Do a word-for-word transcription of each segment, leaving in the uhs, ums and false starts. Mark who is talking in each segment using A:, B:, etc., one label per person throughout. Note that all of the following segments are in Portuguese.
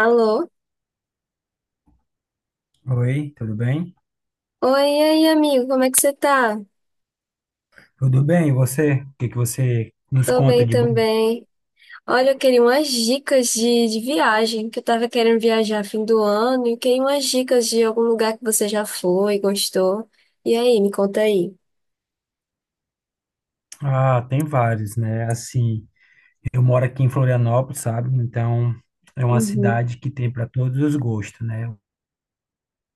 A: Alô?
B: Oi, tudo bem?
A: Oi, e aí, amigo, como é que você tá?
B: Tudo bem, e você? O que que você nos
A: Tô
B: conta
A: bem
B: de bom?
A: também. Olha, eu queria umas dicas de, de viagem, que eu tava querendo viajar fim do ano, e queria umas dicas de algum lugar que você já foi, gostou. E aí, me conta aí.
B: Ah, tem vários, né? Assim, eu moro aqui em Florianópolis, sabe? Então, é uma
A: Uhum.
B: cidade que tem para todos os gostos, né?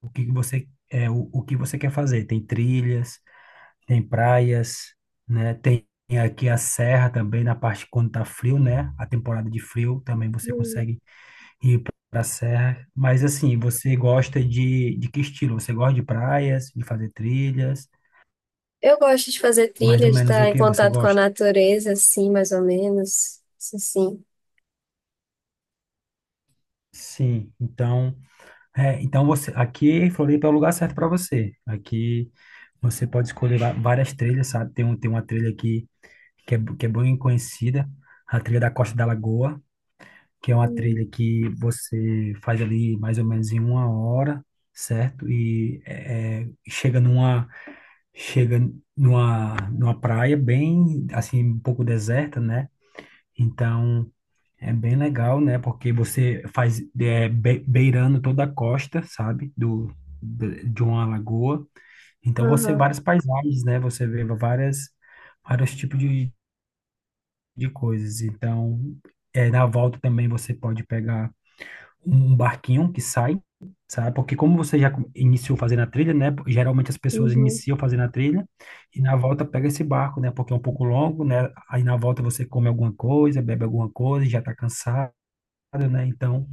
B: O que que você é o, o que você quer fazer? Tem trilhas, tem praias, né? Tem aqui a serra também na parte quando tá frio, né? A temporada de frio também você
A: Hum.
B: consegue ir para a serra. Mas assim, você gosta de de que estilo? Você gosta de praias, de fazer trilhas?
A: Eu gosto de fazer
B: Mais
A: trilha,
B: ou
A: de
B: menos
A: estar
B: o
A: em
B: que você
A: contato com a
B: gosta?
A: natureza, assim, mais ou menos. Isso sim.
B: Sim, então, é, então você aqui em Floripa é o lugar certo para você. Aqui você pode escolher va- várias trilhas, sabe? Tem, um, tem uma trilha aqui que é, que é bem conhecida, a trilha da Costa da Lagoa, que é uma
A: Hum.
B: trilha que você faz ali mais ou menos em uma hora, certo? E é, é, chega numa chega numa, numa praia bem assim um pouco deserta, né? Então é bem legal, né? Porque você faz é, be- beirando toda a costa, sabe? Do, de de uma lagoa. Então você
A: Aham.
B: várias paisagens, né? Você vê várias vários tipos de, de coisas. Então, é, na volta também você pode pegar um um barquinho que sai, sabe? Porque como você já com- iniciou fazendo a trilha, né? Geralmente as pessoas
A: Uhum.
B: iniciam fazendo a trilha e na volta pega esse barco, né? Porque é um pouco longo, né? Aí na volta você come alguma coisa, bebe alguma coisa, já tá cansado, né? Então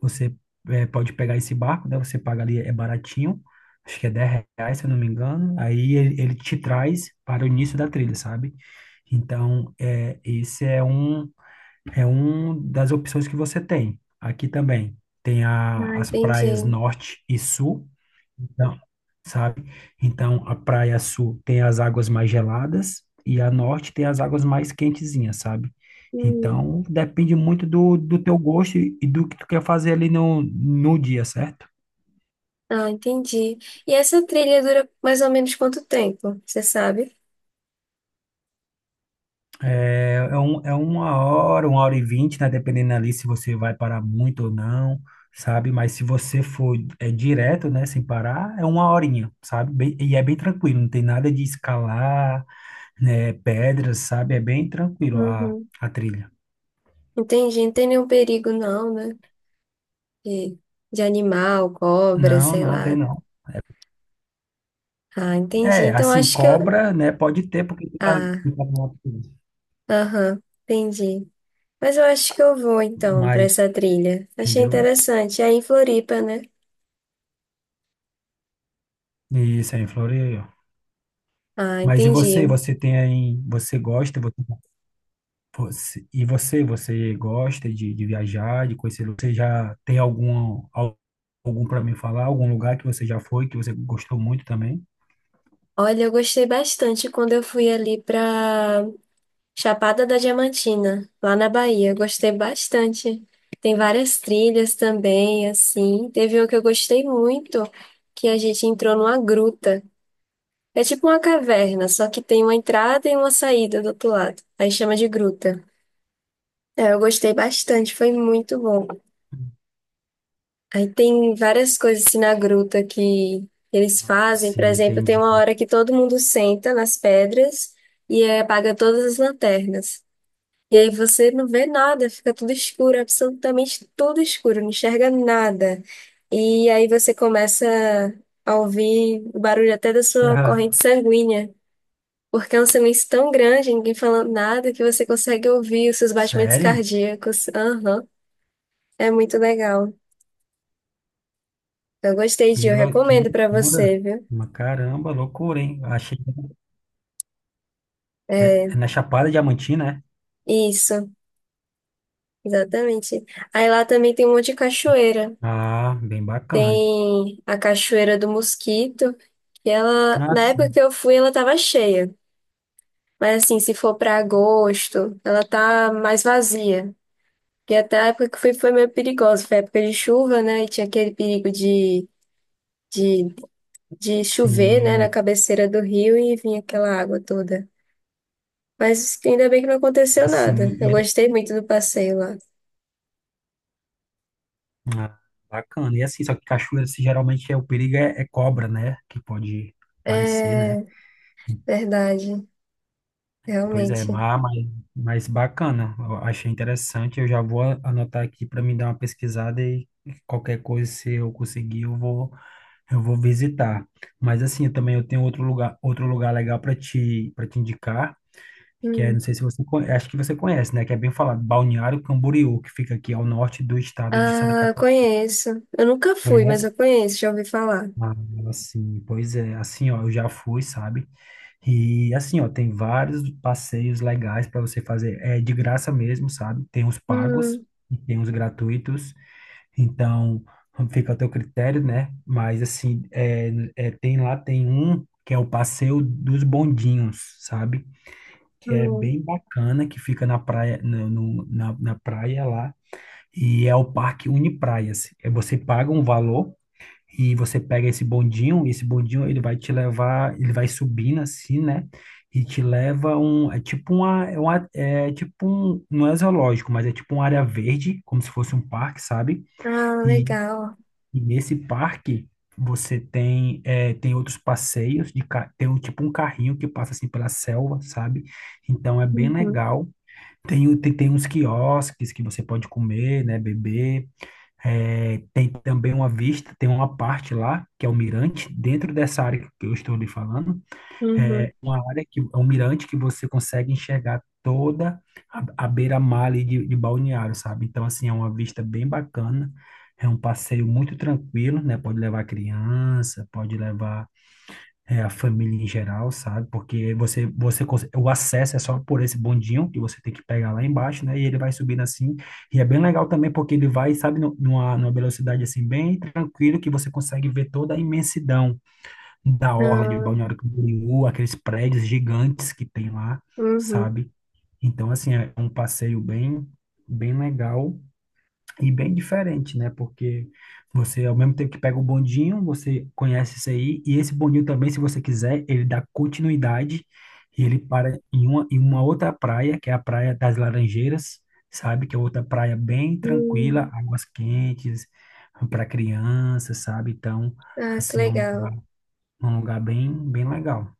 B: você é, pode pegar esse barco, né? Você paga ali, é baratinho, acho que é dez reais, se eu não me engano. Aí ele, ele te traz para o início da trilha, sabe? Então, é, esse é um, é um das opções que você tem. Aqui também tem a,
A: Ah,
B: as praias
A: entendi.
B: norte e sul, então, sabe? Então, a praia sul tem as águas mais geladas e a norte tem as águas mais quentezinhas, sabe?
A: Hum.
B: Então, depende muito do, do teu gosto e e do que tu quer fazer ali no, no dia, certo?
A: Ah, entendi. E essa trilha dura mais ou menos quanto tempo, você sabe?
B: É, é, um, é uma hora, uma hora e vinte, né? Dependendo ali se você vai parar muito ou não, sabe? Mas se você for é, direto, né? Sem parar, é uma horinha, sabe? Bem- e é bem tranquilo, não tem nada de escalar, né? Pedras, sabe? É bem tranquilo a,
A: Uhum.
B: a trilha.
A: Entendi, não tem nenhum perigo não, né? De, de animal, cobra,
B: Não,
A: sei
B: não tem
A: lá.
B: não.
A: Ah, entendi.
B: É,
A: Então
B: assim,
A: acho que eu.
B: cobra, né? Pode ter, porque tu tá,
A: Ah,
B: tu tá numa prisão.
A: aham, entendi. Mas eu acho que eu vou então para
B: Mas,
A: essa trilha. Achei
B: entendeu?
A: interessante. É em Floripa, né?
B: Isso aí, em Floreio.
A: Ah,
B: Mas e você?
A: entendi.
B: Você tem aí, você gosta, você, você- e você, você gosta de, de viajar, de conhecer? Você já tem algum, al- algum para me falar? Algum lugar que você já foi, que você gostou muito também?
A: Olha, eu gostei bastante quando eu fui ali para Chapada da Diamantina, lá na Bahia. Eu gostei bastante. Tem várias trilhas também, assim. Teve uma que eu gostei muito, que a gente entrou numa gruta. É tipo uma caverna, só que tem uma entrada e uma saída do outro lado. Aí chama de gruta. É, eu gostei bastante, foi muito bom. Aí tem várias coisas assim na gruta que eles fazem. Por
B: Sim,
A: exemplo, tem
B: entendi.
A: uma hora que todo mundo senta nas pedras e eh, apaga todas as lanternas. E aí você não vê nada, fica tudo escuro, absolutamente tudo escuro, não enxerga nada. E aí você começa a ouvir o barulho até da sua
B: Ah,
A: corrente sanguínea. Porque é um silêncio tão grande, ninguém falando nada, que você consegue ouvir os seus batimentos
B: sério?
A: cardíacos. Aham, é muito legal. Eu gostei de,
B: Que,
A: eu
B: lou- que
A: recomendo pra
B: loucura.
A: você, viu?
B: Mas caramba, loucura, hein? Achei, é, é na Chapada Diamantina, é?
A: Isso, exatamente. Aí lá também tem um monte de cachoeira.
B: Ah, bem bacana.
A: Tem a Cachoeira do Mosquito, que ela,
B: Ah,
A: na época
B: sim.
A: que eu fui, ela tava cheia. Mas assim, se for pra agosto, ela tá mais vazia. Porque até a época que eu fui foi meio perigosa, foi época de chuva, né? E tinha aquele perigo de de de chover, né, na
B: Sim.
A: cabeceira do rio e vinha aquela água toda. Mas ainda bem que não aconteceu nada.
B: Assim,
A: Eu
B: e é,
A: gostei muito do passeio lá.
B: ah, bacana. E assim, só que cachoeira, assim, geralmente é o perigo é, é cobra, né? Que pode aparecer, né?
A: É
B: Então,
A: verdade,
B: pois é,
A: realmente.
B: mas, mas mas bacana. Eu achei interessante. Eu já vou a- anotar aqui para me dar uma pesquisada e qualquer coisa, se eu conseguir, eu vou eu vou visitar. Mas assim, eu também eu tenho outro lugar, outro lugar legal para te para te indicar. Que é, não
A: Hum.
B: sei se você conhece, acho que você conhece, né? Que é bem falado, Balneário Camboriú, que fica aqui ao norte do estado de Santa
A: Ah, eu
B: Catarina.
A: conheço. Eu nunca fui, mas
B: Conhece?
A: eu conheço, já ouvi falar.
B: Ah, assim, pois é, assim, ó, eu já fui, sabe? E assim, ó, tem vários passeios legais para você fazer, é de graça mesmo, sabe? Tem os pagos
A: Hum,
B: e tem os gratuitos, então fica a teu critério, né? Mas assim, é, é, tem lá, tem um que é o passeio dos bondinhos, sabe? Que é
A: hum.
B: bem bacana, que fica na praia, no, no- na, na praia lá, e é o Parque Unipraias. É, você paga um valor e você pega esse bondinho, e esse bondinho ele vai te levar, ele vai subindo assim, né? E te leva um, é tipo uma, é uma- é tipo um, não é zoológico, mas é tipo uma área verde, como se fosse um parque, sabe?
A: Ah,
B: E,
A: legal.
B: e nesse parque você tem, é, tem outros passeios de, ca- tem um, tipo um carrinho que passa assim pela selva, sabe? Então é bem
A: Uhum,
B: legal. Tem, o- tem, tem uns quiosques que você pode comer, né, beber. É, tem também uma vista, tem uma parte lá, que é o mirante, dentro dessa área que eu estou lhe falando.
A: uhum.
B: A área que, é um mirante que você consegue enxergar toda a, a beira-mar ali de, de Balneário, sabe? Então, assim, é uma vista bem bacana. É um passeio muito tranquilo, né? Pode levar criança, pode levar é, a família em geral, sabe? Porque você, você, cons- o acesso é só por esse bondinho que você tem que pegar lá embaixo, né? E ele vai subindo assim. E é bem legal também porque ele vai, sabe, nu- numa, numa velocidade assim bem tranquilo que você consegue ver toda a imensidão da orla de
A: Ah,
B: Balneário Camboriú, aqueles prédios gigantes que tem lá,
A: uhum,
B: sabe? Então, assim, é um passeio bem, bem legal e bem diferente, né? Porque você, ao mesmo tempo que pega o bondinho, você conhece isso aí, e esse bondinho também, se você quiser, ele dá continuidade e ele para em uma, em uma outra praia, que é a Praia das Laranjeiras, sabe? Que é outra praia bem tranquila,
A: hum.
B: águas quentes, para criança, sabe? Então,
A: Ah, que
B: assim, é um,
A: legal.
B: lugar- um lugar bem, bem legal.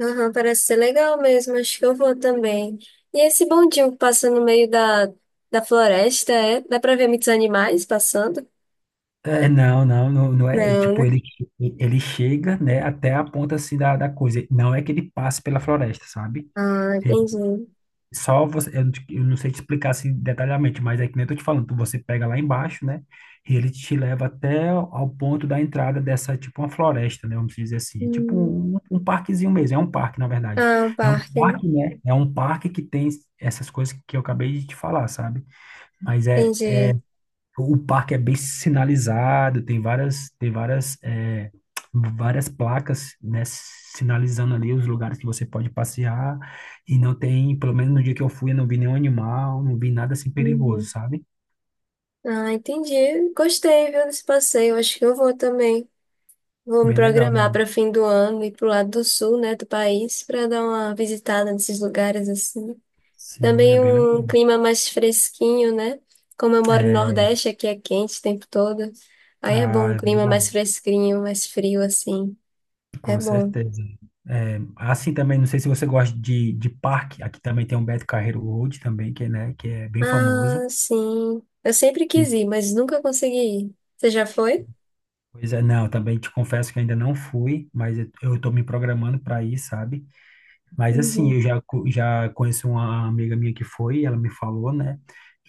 A: Aham, parece ser legal mesmo, acho que eu vou também. E esse bondinho que passa no meio da, da floresta, é? Dá pra ver muitos animais passando?
B: É, não, não, não, não é, é
A: Não,
B: tipo,
A: né?
B: ele, ele chega, né, até a ponta, assim, da, da coisa, não é que ele passe pela floresta, sabe?
A: Ah, entendi.
B: Só você, eu, não te- eu não sei te explicar assim detalhadamente, mas é que nem eu tô te falando, tu- você pega lá embaixo, né? E ele te leva até ao ponto da entrada dessa, tipo uma floresta, né? Vamos dizer assim, é tipo
A: Hum.
B: um, um parquezinho mesmo, é um parque, na verdade.
A: Ah, um
B: É um
A: parque, né?
B: parque, né? É um parque que tem essas coisas que eu acabei de te falar, sabe? Mas é,
A: Entendi.
B: o parque é bem sinalizado, tem várias, tem várias, é, várias placas, né, sinalizando ali os lugares que você pode passear. E não tem, pelo menos no dia que eu fui, eu não vi nenhum animal, não vi nada assim perigoso,
A: Uhum.
B: sabe?
A: Ah, entendi. Gostei, viu, desse passeio, acho que eu vou também. Vou me
B: Bem legal.
A: programar para fim do ano ir pro lado do sul, né, do país, para dar uma visitada nesses lugares assim.
B: Sim, é
A: Também
B: bem
A: um
B: legal.
A: clima mais fresquinho, né? Como eu moro no
B: É,
A: Nordeste, aqui é quente o tempo todo. Aí é
B: ah,
A: bom um
B: é
A: clima mais
B: verdade.
A: fresquinho, mais frio, assim. É
B: Com
A: bom.
B: certeza. É, assim também, não sei se você gosta de, de parque, aqui também tem o Beto Carreiro Road também, que, é, né, que é bem famoso.
A: Ah, sim. Eu sempre quis ir, mas nunca consegui ir. Você já foi?
B: Pois é, não, também te confesso que ainda não fui, mas eu eu tô me programando para ir, sabe? Mas assim,
A: Uhum,
B: eu já, co- já conheço uma amiga minha que foi, e ela me falou, né?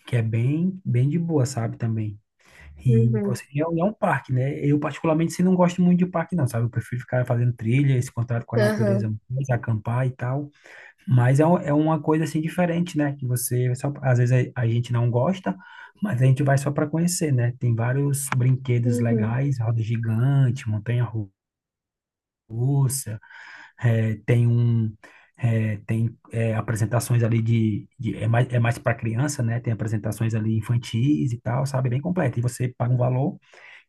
B: Que é bem, bem de boa, sabe, também. E
A: uhum,
B: você, e é um é um parque, né? Eu particularmente assim, não gosto muito de parque, não, sabe? Eu prefiro ficar fazendo trilha, esse contato com a
A: aham,
B: natureza, mais, acampar e tal. Mas é, um- é uma coisa assim diferente, né? Que você só, às vezes a, a gente não gosta, mas a gente vai só para conhecer, né? Tem vários brinquedos
A: uhum.
B: legais, roda gigante, montanha russa, é, tem um é, tem é, apresentações ali de, de é mais, é mais para criança, né? Tem apresentações ali infantis e tal, sabe? Bem completo. E você paga um valor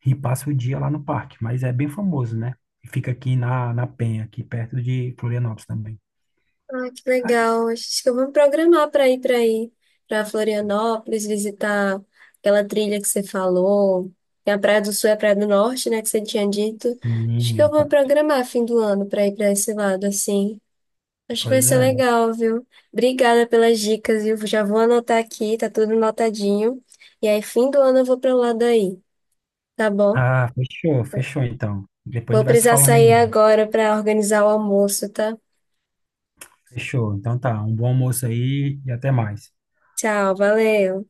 B: e passa o dia lá no parque, mas é bem famoso, né? E fica aqui na, na Penha, aqui perto de Florianópolis também.
A: Ah, que
B: Aqui,
A: legal. Acho que eu vou me programar para ir para aí, para Florianópolis, visitar aquela trilha que você falou. Tem a Praia do Sul e a Praia do Norte, né, que você tinha dito. Acho que eu
B: sim,
A: vou me programar fim do ano para ir para esse lado, assim. Acho que vai
B: pois
A: ser
B: é.
A: legal, viu? Obrigada pelas dicas, viu? Já vou anotar aqui, tá tudo anotadinho. E aí, fim do ano eu vou para lá daí, tá bom?
B: Ah, fechou, fechou então. Depois a
A: Vou
B: gente vai se
A: precisar
B: falando aí,
A: sair
B: né?
A: agora para organizar o almoço, tá?
B: Fechou. Então tá, um bom almoço aí e até mais.
A: Tchau, valeu.